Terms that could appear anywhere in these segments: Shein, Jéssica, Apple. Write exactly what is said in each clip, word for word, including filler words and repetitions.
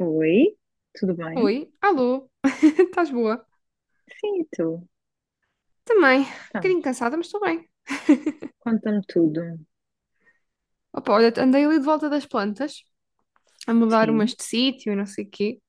Oi, tudo bem? Oi, alô, estás boa? Sim, e tu? Também, um Então, bocadinho cansada, mas estou bem. conta-me tudo. Opa, olha, andei ali de volta das plantas, a mudar umas Sim. de sítio e não sei o quê,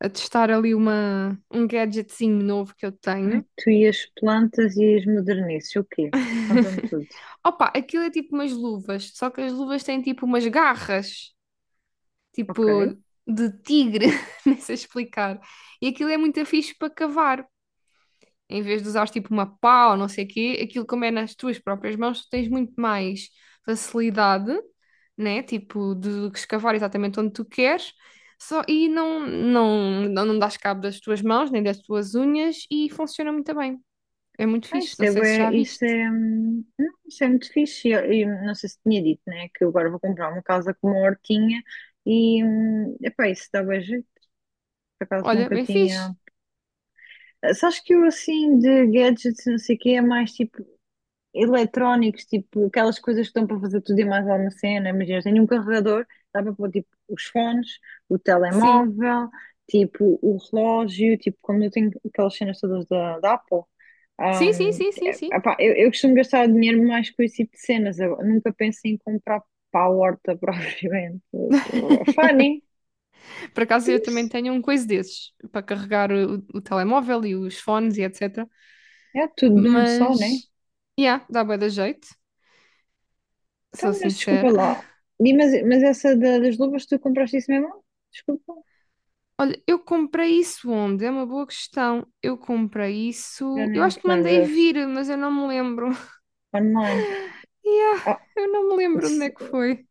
a testar ali uma, um gadgetzinho novo que eu Ai, tenho. tu e as plantas e as modernices, o quê? Conta-me tudo. Opa, aquilo é tipo umas luvas, só que as luvas têm tipo umas garras, Ok. tipo de tigre, nem sei explicar. E aquilo é muito fixe para cavar. Em vez de usares tipo uma pá ou não sei o quê, aquilo como é nas tuas próprias mãos, tu tens muito mais facilidade, né? Tipo, de escavar exatamente onde tu queres. Só, e não, não, não, não dás cabo das tuas mãos, nem das tuas unhas, e funciona muito bem. É muito Ah, fixe. isso Não é, sei se bué- já viste. isso é, hum, não, isso é muito fixe. E Eu, eu não sei se tinha dito, né? Que eu agora vou comprar uma casa com uma hortinha e, hum, epá, isso dá bem jeito. Por acaso Olha, nunca bem fixe. tinha. Ah, sabes que eu, assim, de gadgets, e não sei o quê, é mais tipo eletrónicos, tipo aquelas coisas que estão para fazer tudo e mais alguma cena. Imagina, tenho um carregador, dá para pôr tipo os fones, o Sim. telemóvel, tipo o relógio, tipo como eu tenho aquelas cenas todas da, da Apple. Sim, sim, Um, sim, sim, é- sim. Epá, eu, eu costumo gastar dinheiro mais com esse tipo de cenas. Eu nunca penso em comprar para a horta propriamente. Mas, uh, funny. Por acaso eu também Mas tenho um coisa desses para carregar o, o telemóvel e os fones e etcetera. é tudo de um só, né? Mas, yeah, dá bué da jeito. Sou Então, mas desculpa sincera. lá. E, mas, mas essa da- das luvas, tu compraste isso mesmo? Desculpa. Olha, eu comprei isso onde? É uma boa questão. Eu comprei Já isso. Eu nem acho te que mandei lembras. vir, mas eu não me lembro. Online. Yeah, Ah, eu não me lembro onde s- é que foi.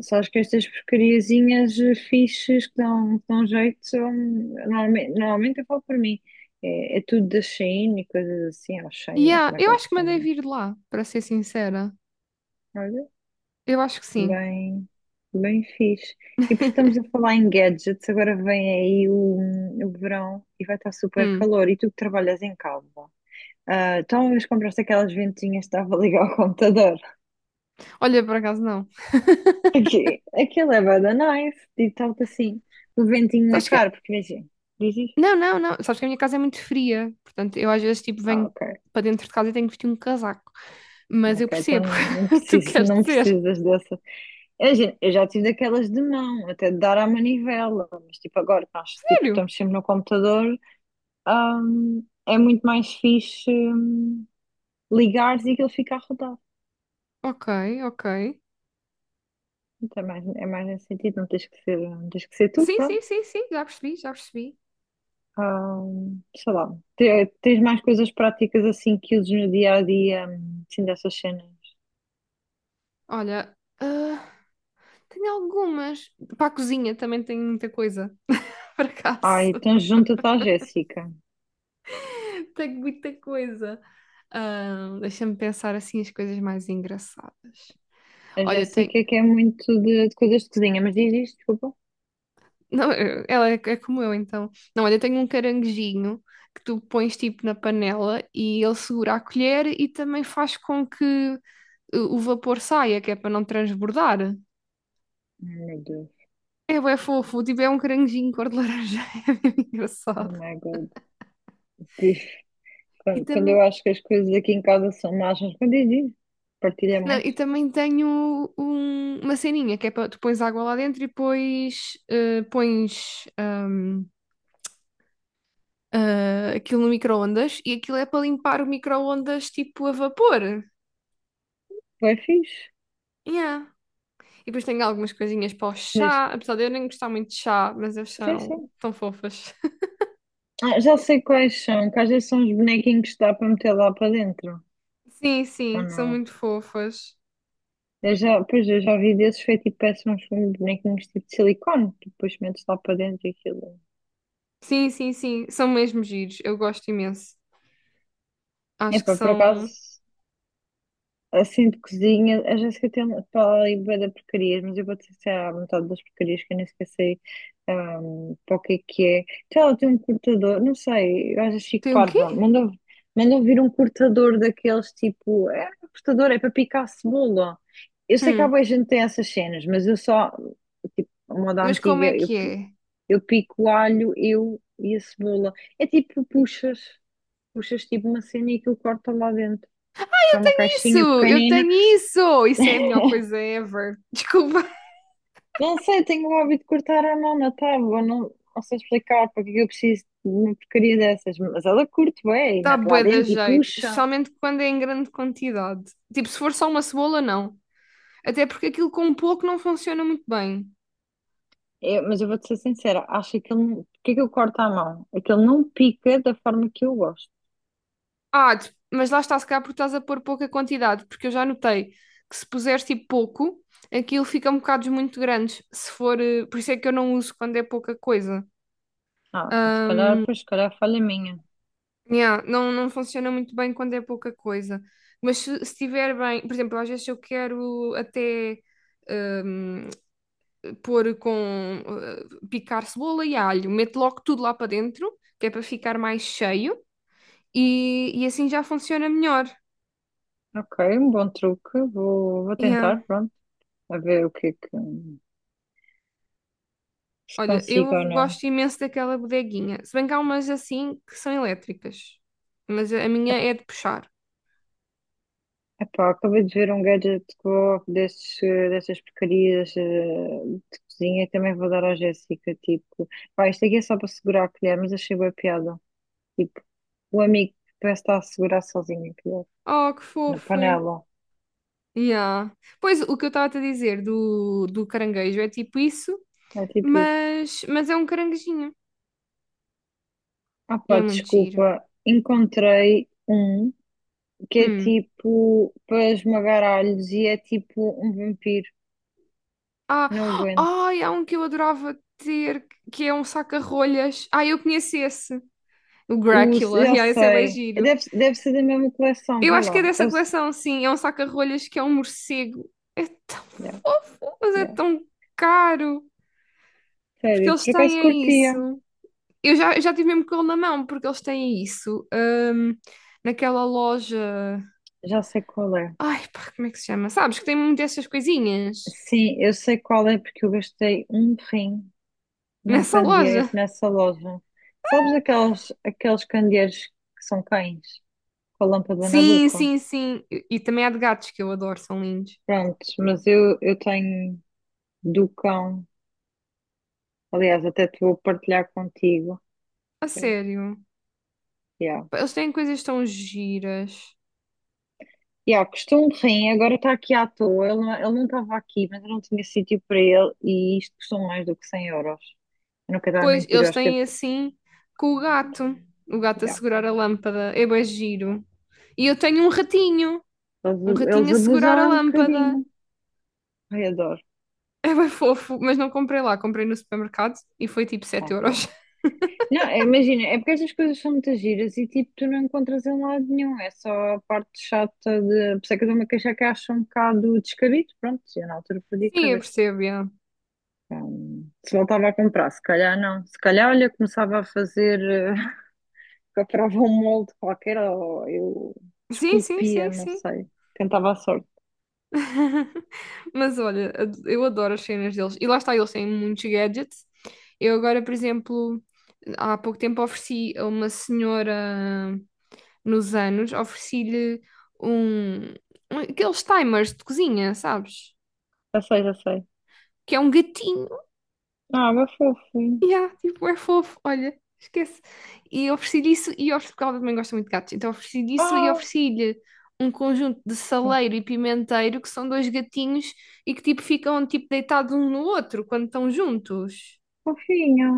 só acho que estas porcariazinhas eh, fixes que dão, que dão jeito são. Normalmente, normalmente eu falo por mim. É, é tudo da Shein e coisas assim. Ou Shein, ou Yeah, como é que eu eles acho que mandei chamam. vir lá, para ser sincera. Olha, Eu acho que sim. bem, bem fixe. E porque estamos a falar em gadgets, agora vem aí o, o verão e vai estar super Hum. calor. E tu que trabalhas em casa. Ah, então, uma vez compraste aquelas ventinhas que estava a ligar ao computador. Olha, por acaso não. Aqui, aquilo é bué da nice, digo-te assim, o ventinho na Sabes cara, que. porque imagina, diz isto. Não, não, não. Sabes que a minha casa é muito fria. Portanto, eu às vezes tipo Ah, venho ok, para dentro de casa e tenho que vestir um casaco. Mas ok, eu percebo então não o que tu preciso, queres não dizer. precisas dessa. Imagina, eu já tive daquelas de mão, até de dar à manivela, mas tipo agora que nós tipo, Sério? estamos sempre no computador, hum, é muito mais fixe, hum, ligares e aquilo fica a rodar. Ok, ok. Então, é mais, é mais nesse sentido, não tens que ser, não tens que ser tu, Sim, pronto. sim, sim, sim. Já percebi, já percebi. Ah, sei lá, Te- tens mais coisas práticas assim que uses no dia a dia, hum, assim dessas cenas. Olha, ah, tenho algumas. Para a cozinha também tenho muita coisa, por Ai, acaso. então junta-te à Jéssica. Tenho muita coisa. Ah, deixa-me pensar assim as coisas mais engraçadas. A Olha, tem. Jéssica que é muito de, de coisas de cozinha, mas diz isto, desculpa. Não, eu- ela é, é como eu, então. Não, olha, tenho um caranguejinho que tu pões tipo na panela e ele segura a colher e também faz com que o o vapor saia, que é para não transbordar. Ai, meu Deus, É, bué fofo, tipo, é um caranguejinho cor de laranja, é bem oh engraçado. my God. Diz- E Quando, quando também, eu acho que as coisas aqui em casa são más, mas quando diz isto, partilha Não, mais. e também tenho um- uma ceninha que é para tu pões água lá dentro e depois eh, pões ahm, ah, aquilo no micro-ondas e aquilo é para limpar o micro-ondas tipo a vapor. Foi fixe. Yeah. E depois tenho algumas coisinhas para o Diz, chá, apesar de eu nem gostar muito de chá, mas eles sim, são sim. tão fofas. Ah, já sei quais são, que às vezes são os bonequinhos que dá para meter lá para dentro, Sim, ou sim, são não? muito fofas. Eu já, pois, eu já vi desses, foi tipo, parece uns bonequinhos tipo de silicone, que depois metes lá para dentro e aquilo. Sim, sim, sim, são mesmo giros, eu gosto imenso. É, Acho que epá, por acaso, são. assim de cozinha, a Jéssica tem uma fala ali bué da porcarias, mas eu vou te dizer a metade das porcarias que eu nem sequer sei, ahm, para o que é que é. Então ela tem um cortador, não sei, eu acho chique Tem um parva, quê? mandou, mandou vir um cortador daqueles tipo, é um cortador, é para picar cebola. Eu sei que há Hum, boa gente que tem essas cenas, mas eu só, tipo, a moda mas como é antiga, eu que é? Eu pico o alho, eu e a cebola. É tipo, puxas, puxas tipo uma cena e aquilo corta lá dentro. É uma Isso, caixinha eu pequenina. tenho isso! Isso é a melhor coisa ever. Desculpa, Não sei, tenho o hábito de cortar a mão na tábua, não, não sei explicar porque é que eu preciso de uma porcaria dessas. Mas ela curte bem, e dá mete lá bué da dentro e jeito, puxa. especialmente quando é em grande quantidade. Tipo, se for só uma cebola, não. Até porque aquilo com pouco não funciona muito bem. Eu- mas eu vou-te ser sincera, acho que aquilo, porque é que eu corto à mão? É que ele não pica da forma que eu gosto. Ah, de- mas lá está, se calhar porque estás a pôr pouca quantidade, porque eu já notei que se puseres tipo pouco, aquilo fica um bocado muito grandes. Se for, eh, por isso é que eu não uso quando é pouca coisa. Ah, se Ah, calhar, pois, se calhar é falha minha. yeah, não, não funciona muito bem quando é pouca coisa. Mas se se estiver bem, por exemplo, às vezes eu quero até hum, pôr com uh, picar cebola e alho, meto logo tudo lá para dentro, que é para ficar mais cheio, e, e assim já funciona melhor. Ok, um bom truque, vou, vou tentar, Yeah. pronto, a ver o que é que se Olha, consigo ou eu não. gosto imenso daquela bodeguinha. Se bem que há umas assim que são elétricas. Mas a a minha é de puxar. Epá, acabei de ver um gadget que vou- desses, eh, dessas porcarias eh, de cozinha, também vou dar à Jéssica, tipo, pá, isto aqui é só para segurar a colher, mas achei boa piada. Tipo, o amigo que parece estar a segurar sozinho a colher, Oh, que na fofo. panela, Yeah. Pois, o que eu estava a te dizer do, do caranguejo é tipo isso, é tipo isso. mas, mas é um caranguejinho. Ah E pá, é muito giro. desculpa, encontrei um que é Hum. tipo para esmagar alhos e é tipo um vampiro, Ah, não aguento. ai, há um que eu adorava ter, que é um saca-rolhas. Ah, eu conheço esse. O O, Drácula. eu Yeah, esse é bem sei, giro. deve, deve ser da mesma coleção, Eu vê acho que é lá. dessa coleção, sim. É um saca-rolhas que é um morcego. É tão Yeah, fofo, mas é yeah. tão caro. Porque Sério, eles por acaso têm é curtia. isso. Eu já, eu já tive mesmo com ele na mão, porque eles têm isso. hum, naquela loja. Já sei qual é. Ai, pá, como é que se chama? Sabes que tem muito dessas coisinhas Sim, eu sei qual é porque eu gastei um rim num nessa candeeiro loja. nessa loja. Sabes aqueles, aqueles candeeiros que são cães com a lâmpada na Sim, boca? sim, sim. E, e também há de gatos que eu adoro, são lindos. Pronto, mas eu, eu tenho do cão. Aliás, até te vou partilhar contigo. A sério. Yeah. Pá, eles têm coisas tão giras. Yeah, custou um rim, agora está aqui à toa. Ele, não- ele não estava aqui, mas eu não tinha sítio para ele e isto custou mais do que cem euros. Eu não quero dar a Pois, mentir, eu eles acho que deve- têm assim com o gato. O gato a segurar a lâmpada. É bem giro. E eu tenho um ratinho. Um eles, ratinho eles a segurar abusam a é um lâmpada. bocadinho. Ai, adoro. É bem fofo, mas não comprei lá. Comprei no supermercado e foi tipo sete Ah, pronto. euros. Não, é, imagina, é porque estas coisas são muitas giras e tipo, tu não encontras em lado nenhum. É só a parte chata de. Por isso é que eu dou uma queixa que acho um bocado descabido. Pronto, eu na altura perdi a Sim, eu cabeça. percebo, yeah. Então, se voltava a comprar, se calhar não. Se calhar, olha, começava a fazer, eh, comprava um molde qualquer ou eu Sim, sim, esculpia, sim, não sim. sei. Tentava a sorte. Mas olha, ad- eu adoro as cenas deles. E lá está, eles têm muitos gadgets. Eu agora, por exemplo, há pouco tempo ofereci a uma senhora. Nos anos, ofereci-lhe um, um- aqueles timers de cozinha, sabes? Já sei, já sei. Que é um gatinho. Ah, meu fofinho. Yeah, tipo, é fofo, olha, esquece. E ofereci-lhe isso e ofereci, porque ela também gosta muito de gatos, então ofereci-lhe isso e Ah, ofereci-lhe um conjunto de saleiro e pimenteiro, que são dois gatinhos e que tipo ficam tipo deitados um no outro quando estão juntos. fofinha.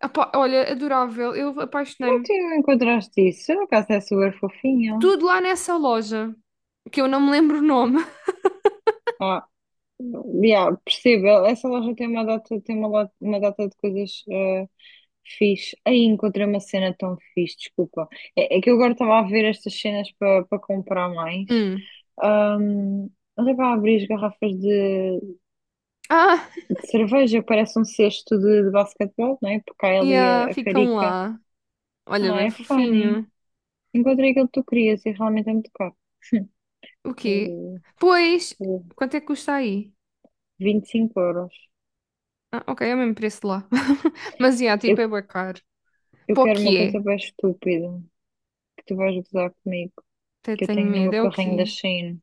Apá, olha, adorável, eu Como é que apaixonei-me. tu não encontraste isso? Eu, no caso, é super fofinho. Tudo lá nessa loja, que eu não me lembro o nome. Ah, yeah, percebo. Essa loja tem uma data, tem uma, lo- uma data de coisas eh, fixe. Aí encontrei uma cena tão fixe, desculpa. É, é que eu agora estava a ver estas cenas para para comprar mais. Hum. Ahm, olha, para abrir as garrafas de, Ah, de cerveja, parece um cesto de, de basquetebol, não é? Porque há ali yeah, a, a ficam carica. lá. Olha, Ah, bem é funny. fofinho. Encontrei aquilo que tu querias e realmente é muito caro. O quê? Pois, quanto é que custa aí? vinte e cinco euros. Ah, ok, é o mesmo preço de lá. Mas, yeah, tipo, Eu, é bué caro. eu Para o quero uma que é? coisa bem estúpida, que tu vais gozar comigo, Até que eu tenho tenho no medo. meu É o carrinho da quê? Shein.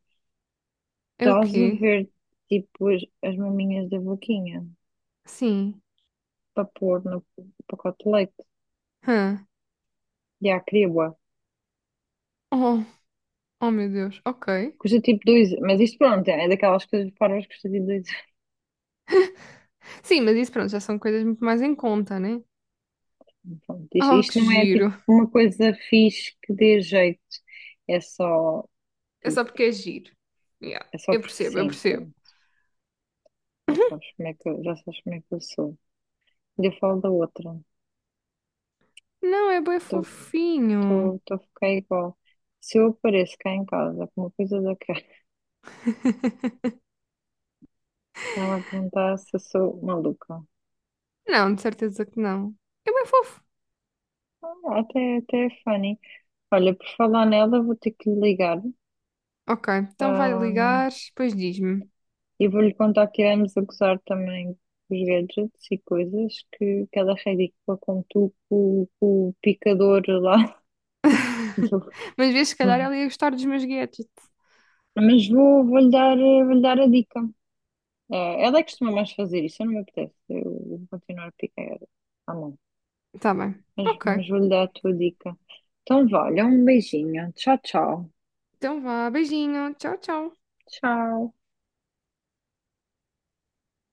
É o Estás a quê? ver, tipo, as, as maminhas da boquinha Sim. para pôr no pacote de leite. Hã. E há criba. Oh, oh, meu Deus. Ok. Custa tipo dois, mas isto pronto, é daquelas coisas parvas que custa tipo dois. Sim, mas isso, pronto, já são coisas muito mais em conta, né? Pronto, isto, Oh, isto que não é tipo giro. uma coisa fixe que dê jeito. É só, É tipo, só porque é giro. Yeah, é só eu porque percebo, eu sim, percebo. pronto. Já sabes como é que eu, já sabes como é que eu sou. E eu falo da outra. Não, é bem fofinho. Estou a ficar igual. Se eu apareço cá em casa com uma coisa daquela, não vai perguntar se eu sou maluca. Não, de certeza que não. É bem fofo. Ah, até, até é funny. Olha, por falar nela, vou ter que lhe ligar. Ok, então vai ahm, ligar, depois diz-me. e vou-lhe contar que iremos a gozar também os gadgets e coisas, que, que ela é ridícula como tu, com, com o picador lá. do- Mas vês, se calhar do- ela ia gostar dos meus gadgets. Mas vou, vou-lhe dar, eh, vou-lhe dar a dica. Eh, ela é que costuma mais fazer isso, eu não me apetece. Eu vou continuar a picar à mão. Tá bem. Mas, Ok. mas vou-lhe dar a tua dica. Então, vá, olha, um beijinho. Tchau, tchau. Então vá, beijinho. Tchau, tchau. Tchau.